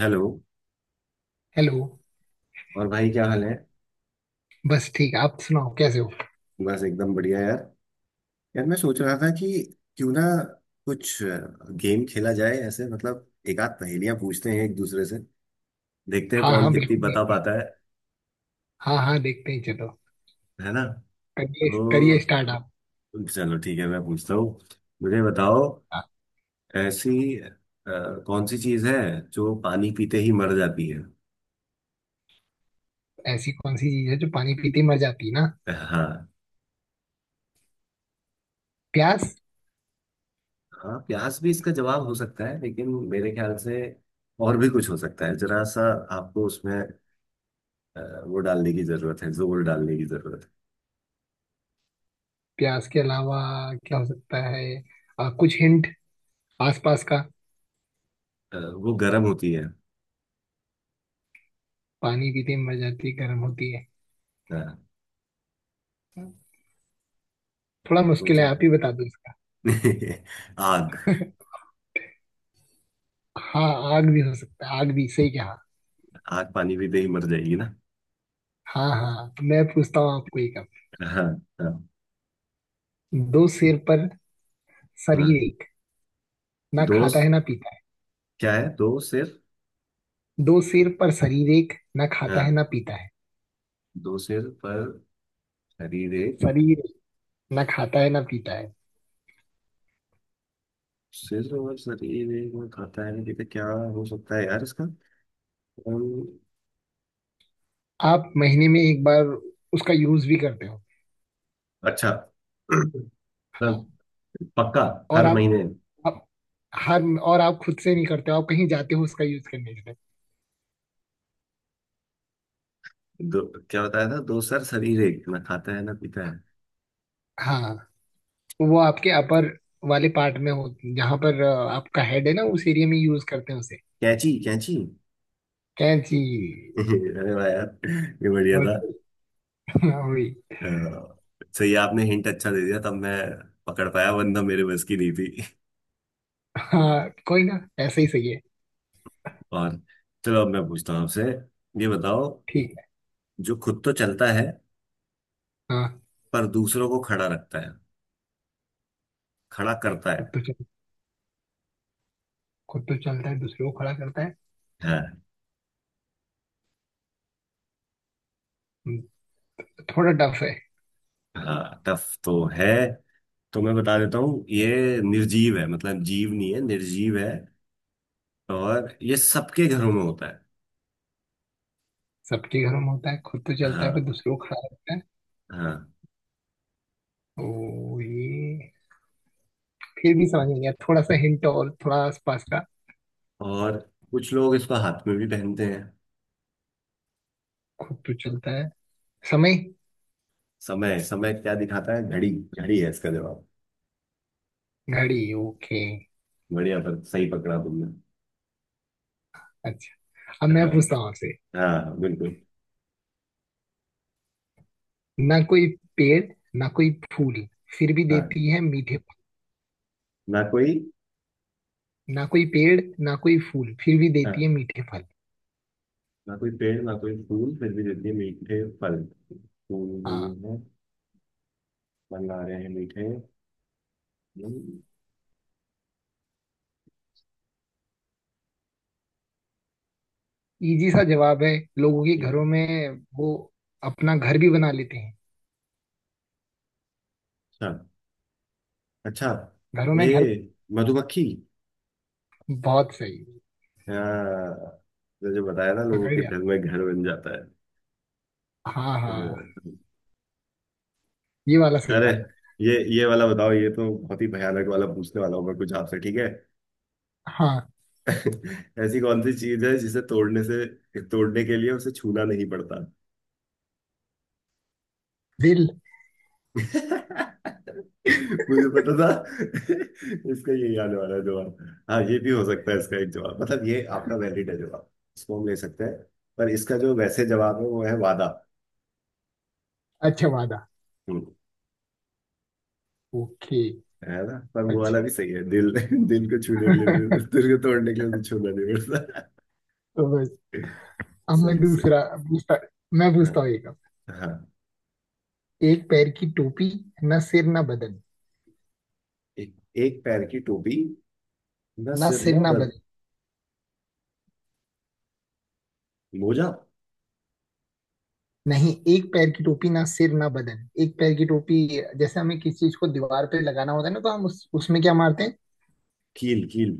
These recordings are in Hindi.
हेलो। हेलो। और भाई क्या हाल है? बस ठीक। आप सुनाओ कैसे हो। बस एकदम बढ़िया यार। यार मैं सोच रहा था कि क्यों ना कुछ गेम खेला जाए, ऐसे मतलब एक आध पहेलियां पूछते हैं एक दूसरे से, देखते हैं हाँ कौन हाँ, कितनी बिल्कुल बता बिल्कुल। पाता है। हाँ हाँ, देखते ही चलो। है ना? करिए तो करिए, स्टार्ट आप। चलो ठीक है, मैं पूछता हूँ। मुझे बताओ, आप- ऐसी अ, कौन सी चीज है जो पानी पीते ही मर जाती है? ऐसी कौन सी चीज है जो पानी पीते ही मर जाती है ना? हाँ। प्यास। हाँ प्यास भी इसका जवाब हो सकता है लेकिन मेरे ख्याल से और भी कुछ हो सकता है जरा सा। आपको उसमें अ, वो डालने की जरूरत है, जोर डालने की जरूरत प्यास के अलावा क्या हो सकता है? कुछ हिंट आसपास का। है। वो गर्म होती है। पानी पीते ही मर जाती है, गर्म होती है? हाँ। थोड़ा मुश्किल सोचो। है, आप ही बता दो इसका। आग। हाँ, आग भी हो सकता है, आग भी सही कहा। आग पानी पीते ही मर जाएगी ना। हाँ हाँ, तो मैं पूछता हूँ आपको एक अब। हाँ। हाँ। दो सिर पर हाँ। शरीर एक, ना दो खाता है स- ना पीता है। क्या है दो सिर? दो सिर पर शरीर एक, ना खाता है हाँ। ना पीता है। दो सिर पर शरीर एक, शरीर, ना खाता है ना पीता है। सिर और शरीर एक में खाता है, देखते क्या हो सकता है यार इसका। अम्म, आप महीने में एक बार उसका यूज भी करते हो। अच्छा तब पक्का। और हर महीने। आप हर और आप खुद से नहीं करते हो, आप कहीं जाते हो उसका यूज करने के लिए। दो? क्या बताया था? दो सर शरीर एक, ना खाता है ना पीता है। हाँ, तो वो आपके अपर वाले पार्ट में हो, जहाँ पर आपका हेड है ना, उस एरिया में यूज करते हैं उसे। कैंची, कैंची। कैंची। अरे वाह यार, ये बढ़िया था। बहुत। हाँ, वही। अ, सही है, आपने हिंट अच्छा दे दिया तब मैं पकड़ पाया, वरना मेरे बस की नहीं थी। हाँ कोई ना, ऐसे ही सही है। और चलो अब मैं पूछता हूँ आपसे। ये बताओ, ठीक है। जो खुद तो चलता है हाँ। पर दूसरों को खड़ा रखता है, खड़ा करता खुद है। तो चल खुद तो चलता है, दूसरे को खड़ा करता है। हाँ। हम्म, थोड़ा टफ है। हाँ टफ तो है, तो मैं बता देता हूँ। ये निर्जीव है, मतलब जीव नहीं है, निर्जीव है। और ये सबके घरों में होता है। सबके घर में होता है, खुद तो चलता है फिर हाँ। दूसरे को खड़ा करता है? हाँ। ओ ये, फिर भी समझ नहीं आया, थोड़ा सा हिंट और, थोड़ा आसपास का। और कुछ लोग इसको हाथ में भी पहनते हैं। खुद तो चलता है, समय? समय? समय क्या दिखाता है? घड़ी। घड़ी है इसका जवाब। घड़ी, ओके। बढ़िया, पर सही पकड़ा तुमने। अच्छा, अब मैं हाँ, पूछता हूँ आपसे। हाँ बिल्कुल। ना कोई पेड़, ना कोई फूल, फिर भी हाँ। देती है मीठे फल। ना कोई। ना कोई पेड़, ना कोई फूल, फिर भी देती है हाँ, मीठे फल। ना कोई पेड़ ना कोई फूल फिर भी देती है मीठे फल। फूल नहीं हाँ। है, फल आ रहे हैं मीठे। हम्म। इजी सा जवाब है। लोगों के ये। घरों में वो अपना घर भी बना लेते हैं, अच्छा, अच्छा। घरों में ये घर। मधुमक्खी। बहुत सही, हाँ, तो जो बताया ना लोगों पकड़ के लिया। घर में घर बन जाता है। हाँ हाँ, हाँ। ये वाला सही अरे था। ये वाला बताओ, ये तो बहुत ही भयानक वाला पूछने वाला हूँ मैं कुछ आपसे, ठीक है? हाँ। ऐसी कौन सी चीज है जिसे तोड़ने से, तोड़ने के लिए उसे छूना नहीं पड़ता। दिल। मुझे पता था। इसका ये याद वाला जवाब। हाँ ये भी हो सकता है इसका एक जवाब, मतलब ये आपका वैलिड है जवाब। इसको हम ले सकते हैं, पर इसका जो वैसे जवाब है वो है वादा। अच्छा, वादा, हम्म। ओके। है ना, पर वो अच्छा वाला भी सही है, दिल। दिल को छूने के लिए भी- दिल को तोड़ने के लिए उसे छूना नहीं पड़ता। तो बस, अब मैं सही, सही। दूसरा पूछता मैं हाँ। पूछता हूँ एक अब। हाँ। एक पैर की टोपी, ना सिर ना बदन। एक पैर की टोपी, ना ना सिर सिर ना ना बद। बदन। मोजा? नहीं, एक पैर की टोपी, ना सिर ना बदन। एक पैर की टोपी। जैसे हमें किसी चीज को दीवार पे लगाना होता है ना, तो हम उस उसमें क्या मारते हैं? कील, कील।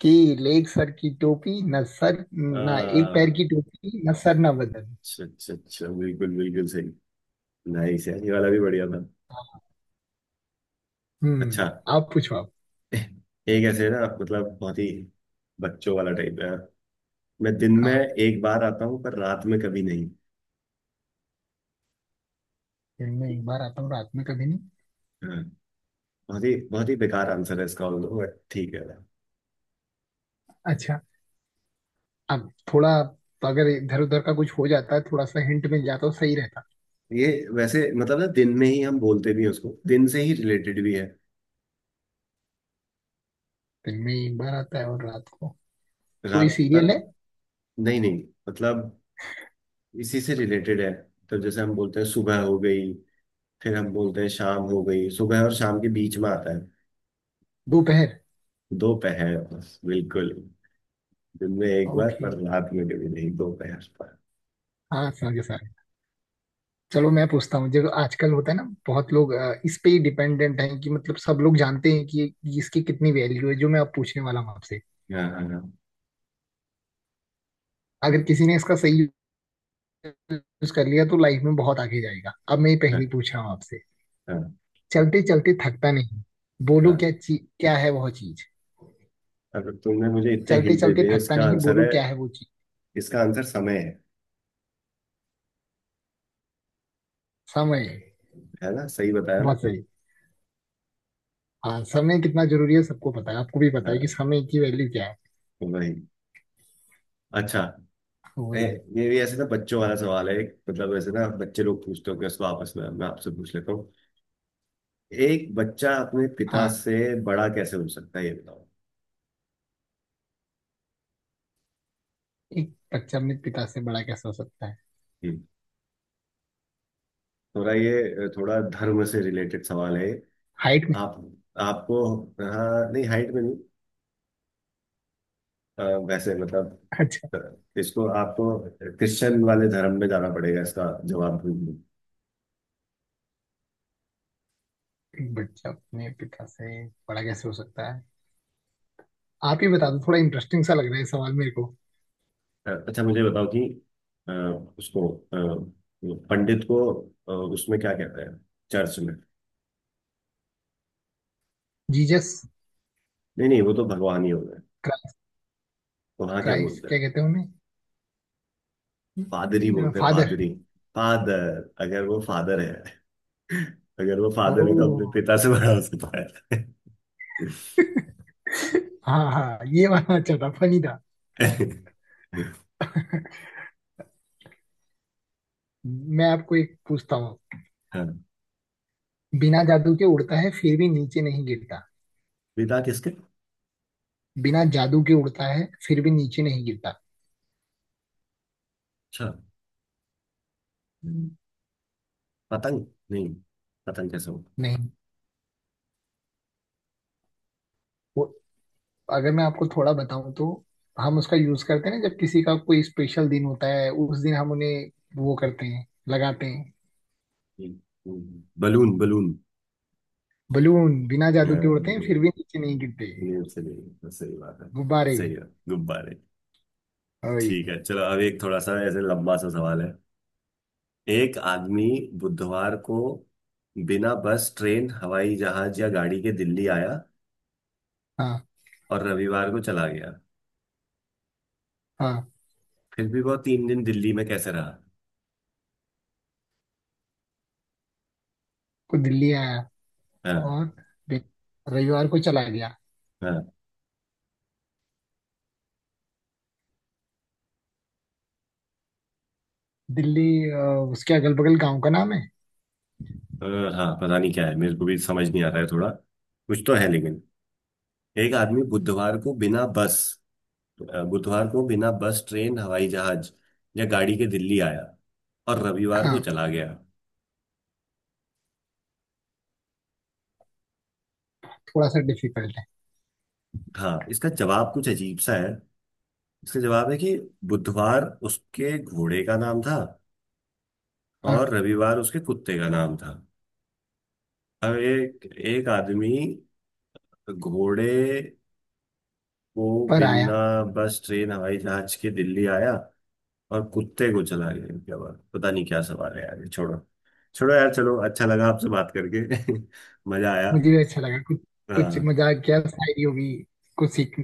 कि लेग सर की टोपी ना सर ना, एक आ, पैर की टोपी ना सर ना बदन। अच्छा अच्छा अच्छा, बिल्कुल बिल्कुल सही। नाइस यार, ये वाला भी बढ़िया था। अच्छा। हम्म। आप पूछो आप। एक ऐसे ना मतलब बहुत ही बच्चों वाला टाइप है। मैं दिन में हाँ, एक बार आता हूँ पर रात में कभी नहीं। दिन में एक बार आता हूँ रात में कभी नहीं। हाँ। बहुत ही बेकार आंसर है इसका ऑल्दो, बट ठीक है। अच्छा, अब थोड़ा, अगर इधर उधर का कुछ हो जाता है, थोड़ा सा हिंट मिल जाता तो सही रहता। ये वैसे मतलब ना दिन में ही हम बोलते भी हैं उसको, दिन से ही रिलेटेड भी है। दिन में एक बार आता है और रात को कोई रात पर? सीरियल है? नहीं नहीं, मतलब इसी से रिलेटेड है। तो जैसे हम बोलते हैं सुबह हो गई, फिर हम बोलते हैं शाम हो गई। सुबह और शाम के बीच में आता है। दोपहर, दोपहर, बिल्कुल। दिन में एक बार ओके। पर रात में कभी नहीं, दोपहर। पर हाँ समझे सर। चलो मैं पूछता हूँ, जो आजकल होता है ना, बहुत लोग इस पे ही डिपेंडेंट हैं कि, मतलब सब लोग जानते हैं कि इसकी कितनी वैल्यू है, जो मैं अब पूछने वाला हूँ आपसे। हाँ, हाँ, हाँ, अगर किसी ने इसका सही यूज कर लिया तो लाइफ में बहुत आगे जाएगा। अब मैं ये पहली हाँ, पूछ रहा हूँ आपसे। हाँ, चलते चलते थकता नहीं, हाँ। बोलो क्या चीज, क्या है वह चीज। अगर तुमने मुझे इतने चलते हिंट दे चलते दिए थकता इसका नहीं, आंसर बोलो है, क्या है वो चीज। इसका आंसर समय है। समय, है ना, सही बताया ना? बहुत सही। हाँ, समय कितना जरूरी है सबको पता है, आपको भी पता है कि हाँ, समय की वैल्यू क्या है। वही। अच्छा। ए, वही। ये भी ऐसे ना बच्चों वाला सवाल है, एक मतलब ऐसे ना बच्चे लोग पूछते हो कि उसको आपस में, मैं आपसे पूछ लेता हूँ। एक बच्चा अपने पिता हाँ। से बड़ा कैसे हो सकता है ये बताओ? एक बच्चा अपने पिता से बड़ा कैसे हो सकता है? हम्म। थोड़ा ये थोड़ा धर्म से रिलेटेड सवाल है। हाइट में? आप, आपको। हाँ नहीं, हाइट में नहीं। अ, वैसे मतलब अच्छा। अ, इसको आपको क्रिश्चियन वाले धर्म में जाना पड़ेगा इसका जवाब ढूंढने। एक बच्चा अपने पिता से बड़ा कैसे हो सकता है, आप ही बता दो, थोड़ा इंटरेस्टिंग सा लग रहा है ये सवाल मेरे को। अच्छा मुझे बताओ कि अ, उसको पंडित को, उसमें क्या कहते हैं चर्च में? जीसस नहीं नहीं, वो तो भगवान ही हो गए। तो वहाँ क्या क्राइस्ट बोलते क्या हैं? कहते हैं पादरी उन्हें? बोलते हैं, फादर। पादरी। फादर, अगर वो फादर है अगर वो फादर है तो अपने ओ, पिता से बड़ा हो सकता हाँ हाँ, ये वाला अच्छा था, फनी था। है। हाँ। मैं आपको एक पूछता हूँ। बिना जादू के उड़ता है फिर भी नीचे नहीं गिरता। विदा किसके? बिना जादू के उड़ता है फिर भी नीचे नहीं गिरता। अच्छा। हम्म, पतंग नहीं? पतंग कैसे हो? नहीं। वो, अगर मैं आपको थोड़ा बताऊं तो, हम उसका यूज करते हैं ना जब किसी का कोई स्पेशल दिन होता है, उस दिन हम उन्हें वो करते हैं, लगाते हैं। Balloon, balloon. बलून, बिना जादू के उड़ते हैं नहीं, फिर भी नीचे नहीं गिरते। सही सही बात है। गुब्बारे सही भी, है, गुब्बारे। वही। ठीक है, चलो अब एक थोड़ा सा ऐसे लंबा सा सवाल है। एक आदमी बुधवार को बिना बस, ट्रेन, हवाई जहाज या गाड़ी के दिल्ली आया हाँ और रविवार को चला गया, हाँ, फिर भी वो तीन दिन दिल्ली में कैसे रहा? तो दिल्ली आया हाँ। और बे- रविवार को चला गया। हाँ। दिल्ली, अ, उसके अगल बगल गांव का नाम है? अ, हाँ पता नहीं क्या है, मेरे को भी समझ नहीं आ रहा है थोड़ा, कुछ तो है लेकिन। एक आदमी बुधवार को बिना बस, बुधवार को बिना बस ट्रेन हवाई जहाज या गाड़ी के दिल्ली आया और रविवार को हाँ, चला गया। थोड़ा सा डिफिकल्ट है। हाँ, इसका जवाब कुछ अजीब सा है। इसका जवाब है कि बुधवार उसके घोड़े का नाम था और हाँ, रविवार उसके कुत्ते का नाम था। अब एक एक आदमी घोड़े को पर बिना आया। बस ट्रेन हवाई जहाज के दिल्ली आया और कुत्ते को चला गया। क्या बात, पता नहीं क्या सवाल है यार, ये छोड़ो। छोड़ो यार, चलो। अच्छा लगा आपसे बात करके। मजा आया। मुझे भी अच्छा लगा, कुछ कुछ हाँ, मजाक किया, शायरी होगी, कुछ सीख,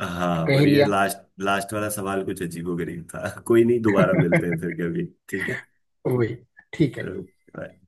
हाँ पर ये पहेलियाँ, लास्ट, लास्ट वाला सवाल कुछ अजीबो गरीब था। कोई नहीं, दोबारा मिलते हैं फिर कभी, ठीक है। वही, ठीक है। चलो, bye.